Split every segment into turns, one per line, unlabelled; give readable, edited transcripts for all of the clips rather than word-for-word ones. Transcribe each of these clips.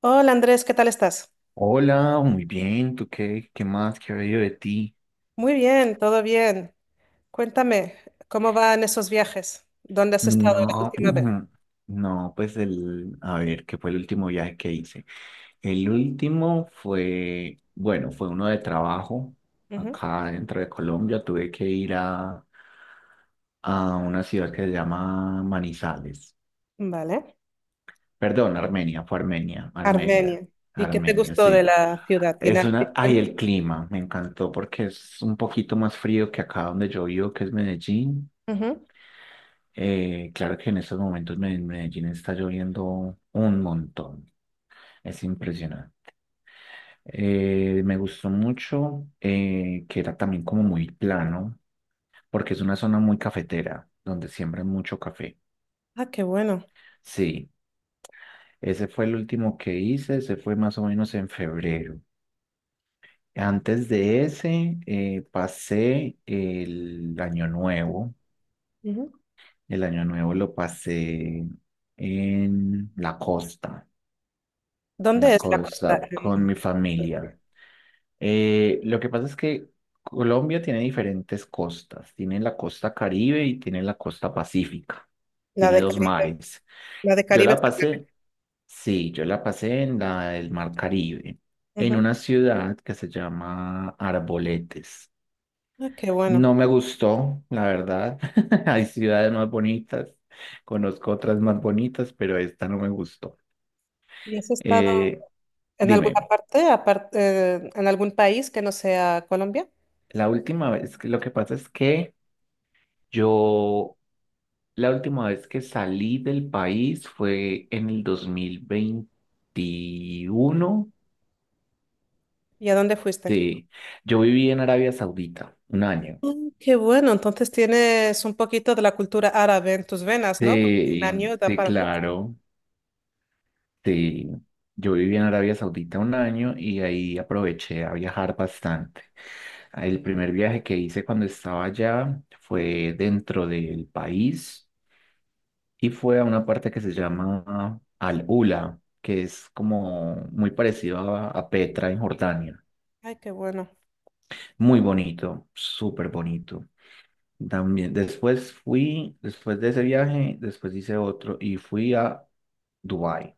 Hola Andrés, ¿qué tal estás?
Hola, muy bien, ¿tú qué más? ¿Qué ha habido de ti?
Muy bien, todo bien. Cuéntame, ¿cómo van esos viajes? ¿Dónde has estado la
No,
última vez?
no, pues a ver, ¿qué fue el último viaje que hice? El último fue, bueno, fue uno de trabajo
Ujú.
acá dentro de Colombia. Tuve que a una ciudad que se llama Manizales.
Vale.
Perdón, Armenia, fue Armenia,
Armenia. ¿Y qué te
Armenia,
gustó de
sí.
la ciudad? ¿Tiene
Es
algo
una, ay,
diferente?
el clima, me encantó porque es un poquito más frío que acá donde yo vivo, que es Medellín.
Ujú.
Claro que en estos momentos en Medellín está lloviendo un montón. Es impresionante. Me gustó mucho que era también como muy plano, porque es una zona muy cafetera, donde siembran mucho café.
Ah, qué bueno.
Sí, ese fue el último que hice, ese fue más o menos en febrero. Antes de ese, pasé el año nuevo.
Ujú.
El año nuevo lo pasé en la costa.
¿Dónde
Una
es la costa?
cosa con mi familia. Lo que pasa es que Colombia tiene diferentes costas. Tiene la costa Caribe y tiene la costa Pacífica.
La
Tiene
de
dos
Caribe.
mares.
La de
Yo
Caribe.
la sí, yo la pasé en la del Mar Caribe, en
Ujú.
una ciudad que se llama Arboletes.
Ah, qué bueno.
No me gustó, la verdad. Hay ciudades más bonitas, conozco otras más bonitas, pero esta no me gustó.
¿Y has estado
Eh,
en alguna
Dime.
parte, aparte, en algún país que no sea Colombia?
La última vez, lo que pasa es que yo, la última vez que salí del país fue en el 2021.
¿Y a dónde fuiste?
Sí, yo viví en Arabia Saudita un año.
Mm, qué bueno, entonces tienes un poquito de la cultura árabe en tus venas, ¿no? Porque un
Sí,
año da
sí,
para mucho.
claro. Sí, yo viví en Arabia Saudita un año y ahí aproveché a viajar bastante. El primer viaje que hice cuando estaba allá fue dentro del país, y fue a una parte que se llama Al-Ula, que es como muy parecido a Petra en Jordania.
Ay, qué bueno.
Muy bonito, súper bonito. También después fui, después de ese viaje, después hice otro y fui a Dubái.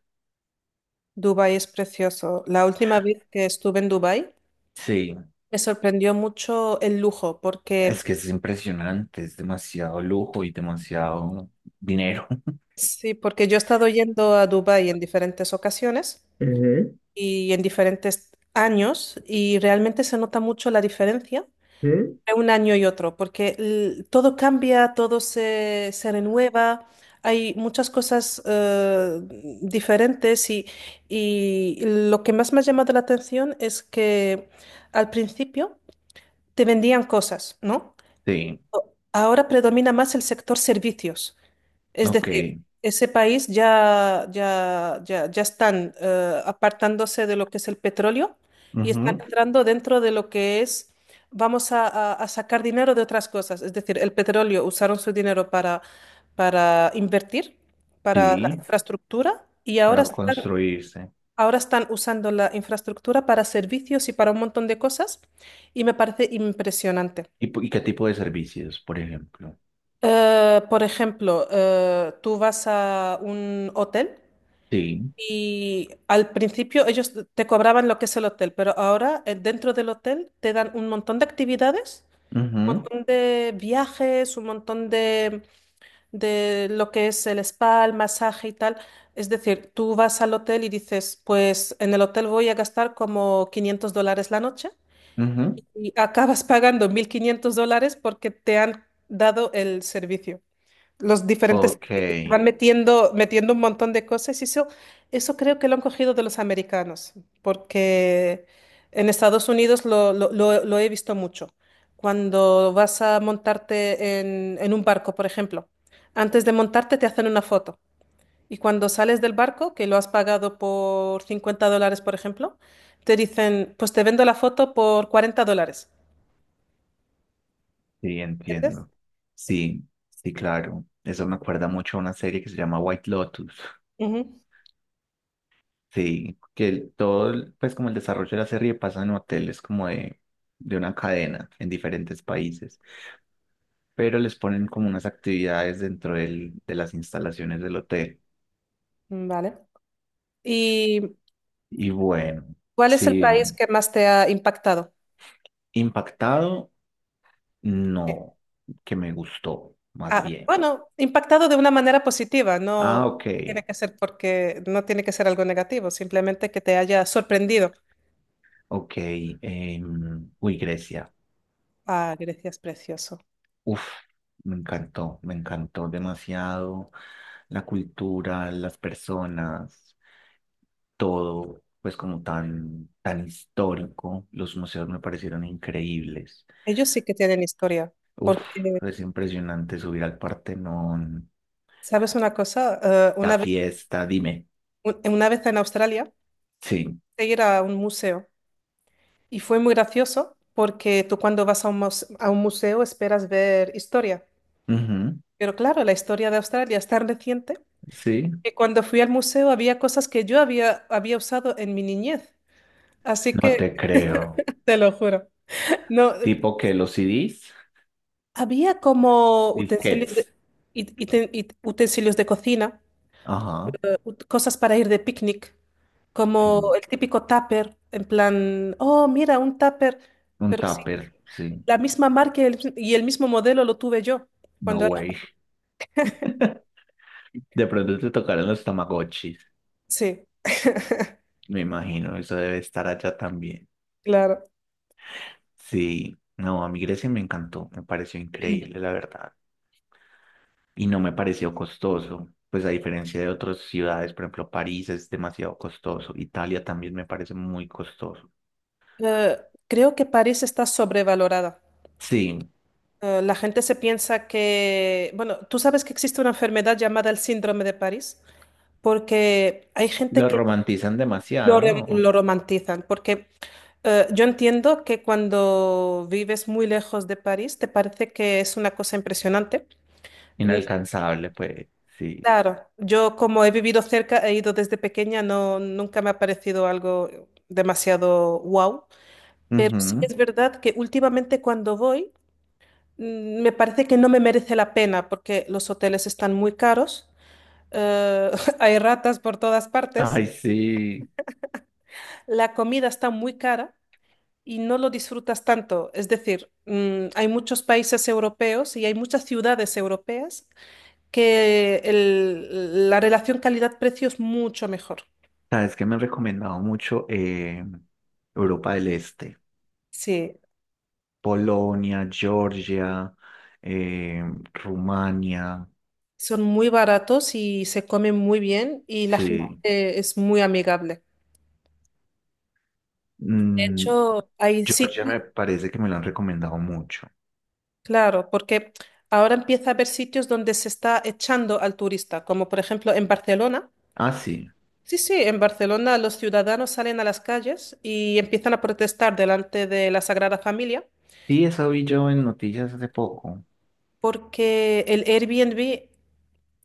Dubái es precioso. La última vez que estuve en Dubái
Sí,
me sorprendió mucho el lujo,
es que
porque
es impresionante, es demasiado lujo y demasiado dinero.
sí, porque yo he estado yendo a Dubái en diferentes ocasiones
Ujú,
y en diferentes años y realmente se nota mucho la diferencia
ujú.
entre un año y otro, porque todo cambia, todo se renueva, hay muchas cosas diferentes y lo que más me ha llamado la atención es que al principio te vendían cosas, ¿no?
Sí,
Ahora predomina más el sector servicios. Es
ok,
decir, ese país ya, ya, ya, ya están apartándose de lo que es el petróleo y están
ujú.
entrando dentro de lo que es, vamos a sacar dinero de otras cosas. Es decir, el petróleo usaron su dinero para invertir, para la
Sí,
infraestructura y
para construirse.
ahora están usando la infraestructura para servicios y para un montón de cosas y me parece impresionante.
¿Y, y qué tipo de servicios, por ejemplo?
Por ejemplo, tú vas a un hotel.
Sí.
Y al principio ellos te cobraban lo que es el hotel, pero ahora dentro del hotel te dan un montón de actividades, un
Ujú,
montón de viajes, un montón de lo que es el spa, el masaje y tal. Es decir, tú vas al hotel y dices, pues en el hotel voy a gastar como $500 la noche
ujú.
y acabas pagando $1500 porque te han dado el servicio los diferentes
Ok,
servicios.
sí,
Van metiendo, metiendo un montón de cosas y eso creo que lo han cogido de los americanos, porque en Estados Unidos lo he visto mucho. Cuando vas a montarte en un barco, por ejemplo, antes de montarte te hacen una foto. Y cuando sales del barco, que lo has pagado por $50, por ejemplo, te dicen, pues te vendo la foto por $40. ¿Entiendes?
entiendo. Sí, sí, claro. Eso me acuerda mucho a una serie que se llama White Lotus.
Ujú.
Sí, que todo, pues como el desarrollo de la serie pasa en hoteles como de una cadena en diferentes países, pero les ponen como unas actividades dentro de las instalaciones del hotel.
Vale. Y
Y bueno,
¿cuál es el
sí,
país que más te ha impactado?
impactado,
Eh,
no, que me gustó, más
ah,
bien.
bueno, impactado de una manera positiva, no
Ah, ok.
tiene que ser porque no tiene que ser algo negativo, simplemente que te haya sorprendido.
Ok, uy, Grecia.
Ah, Grecia es precioso.
Uf, me encantó demasiado la cultura, las personas, todo, pues como tan histórico. Los museos me parecieron increíbles.
Ellos sí que tienen historia,
Uf,
porque,
es impresionante subir al Partenón,
¿sabes una cosa?
la
Una vez,
fiesta, dime.
una vez en Australia,
Sí,
de ir a un museo y fue muy gracioso porque tú cuando vas a un, a un museo esperas ver historia,
ujú,
pero claro, la historia de Australia es tan reciente
sí,
que cuando fui al museo había cosas que yo había usado en mi niñez. Así
no
que
te creo.
te lo juro. No,
Tipo que los CDs,
había como utensilios
disquetes.
de, y- y te- utensilios de cocina,
Ajá.
cosas para ir de picnic, como el típico tupper, en plan, oh, mira, un tupper,
Un
pero sí,
tupper, sí.
la misma marca y el mismo modelo lo tuve yo cuando
No
era...
way. De pronto te tocaron los Tamagotchis.
Sí,
Me imagino, eso debe estar allá también.
claro.
Sí, no, a mí Grecia me encantó, me pareció increíble, la verdad. Y no me pareció costoso, pues a diferencia de otras ciudades, por ejemplo, París es demasiado costoso, Italia también me parece muy costoso.
Eh, Creo que París está sobrevalorada.
Sí,
La gente se piensa que, bueno, tú sabes que existe una enfermedad llamada el síndrome de París, porque hay gente
lo
que
romantizan demasiado, ¿no?
lo romantizan, porque yo entiendo que cuando vives muy lejos de París te parece que es una cosa impresionante.
Inalcanzable, pues, sí.
Claro, yo como he vivido cerca, he ido desde pequeña, no, nunca me ha parecido algo demasiado wow, pero sí
Ujú.
es verdad que últimamente cuando voy, mm, me parece que no me merece la pena porque los hoteles están muy caros. Eh, hay ratas por todas partes,
Ay, sí.
la comida está muy cara y no lo disfrutas tanto. Es decir, mm, hay muchos países europeos y hay muchas ciudades europeas que la relación calidad-precio es mucho mejor.
Sabes que me han recomendado mucho Europa del Este,
Sí,
Polonia, Georgia, eh, Rumania,
son muy baratos y se comen muy bien y la
sí.
gente es muy amigable. De
Mm,
hecho, hay
Georgia
sitios,
me parece que me lo han recomendado mucho.
claro, porque ahora empieza a haber sitios donde se está echando al turista, como por ejemplo en Barcelona.
Ah, sí.
Sí, sí, en Barcelona los ciudadanos salen a las calles y empiezan a protestar delante de la Sagrada Familia
Sí, eso vi yo en noticias hace poco.
porque el Airbnb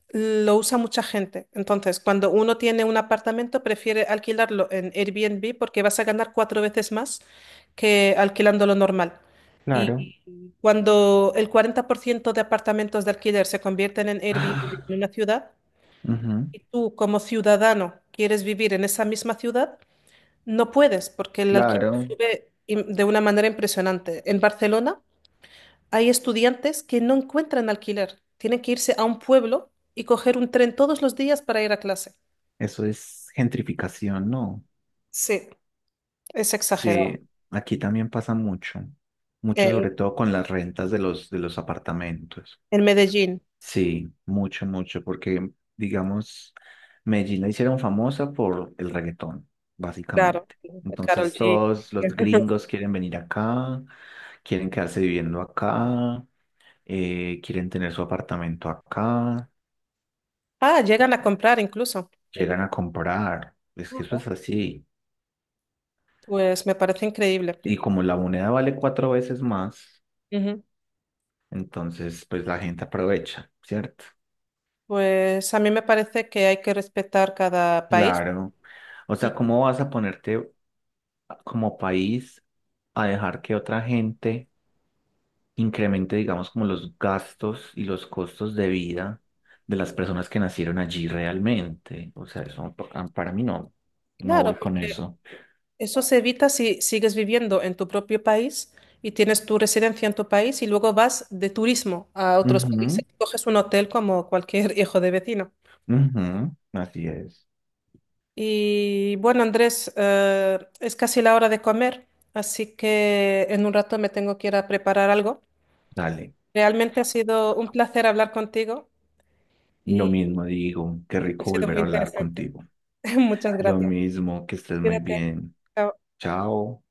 lo usa mucha gente. Entonces, cuando uno tiene un apartamento, prefiere alquilarlo en Airbnb porque vas a ganar cuatro veces más que alquilando lo normal.
Claro.
Y cuando el 40% de apartamentos de alquiler se convierten en Airbnb en
Ah,
una ciudad
ujú,
y tú como ciudadano quieres vivir en esa misma ciudad, no puedes, porque el alquiler
claro.
sube de una manera impresionante. En Barcelona hay estudiantes que no encuentran alquiler. Tienen que irse a un pueblo y coger un tren todos los días para ir a clase.
Eso es gentrificación, ¿no?
Sí, es
Sí,
exagerado.
aquí también pasa mucho. Mucho sobre
En,
todo con las rentas de los apartamentos.
en Medellín,
Sí, mucho, porque, digamos, Medellín la hicieron famosa por el reggaetón,
claro,
básicamente.
Karol
Entonces
G.
todos los gringos quieren venir acá, quieren quedarse viviendo acá, quieren tener su apartamento acá,
Ah, llegan a comprar incluso.
llegan a comprar. Es que eso es
Ujú.
así.
Pues me parece increíble.
Y como la moneda vale 4 veces más,
Ujú.
entonces pues la gente aprovecha, ¿cierto?
Pues a mí me parece que hay que respetar cada país.
Claro. O
Y
sea, ¿cómo vas a ponerte como país a dejar que otra gente incremente, digamos, como los gastos y los costos de vida de las personas que nacieron allí realmente? O sea, para mí no, no
claro,
voy con
porque
eso.
eso se evita si sigues viviendo en tu propio país y tienes tu residencia en tu país y luego vas de turismo a otros países. Coges un hotel como cualquier hijo de vecino.
Ujú, ujú, así es.
Y bueno, Andrés, es casi la hora de comer, así que en un rato me tengo que ir a preparar algo.
Dale.
Realmente ha sido un placer hablar contigo
Lo
y
mismo digo, qué
ha
rico
sido
volver
muy
a hablar
interesante.
contigo.
Muchas
Lo
gracias.
mismo, que estés muy
Cuídate.
bien.
Chao.
Chao.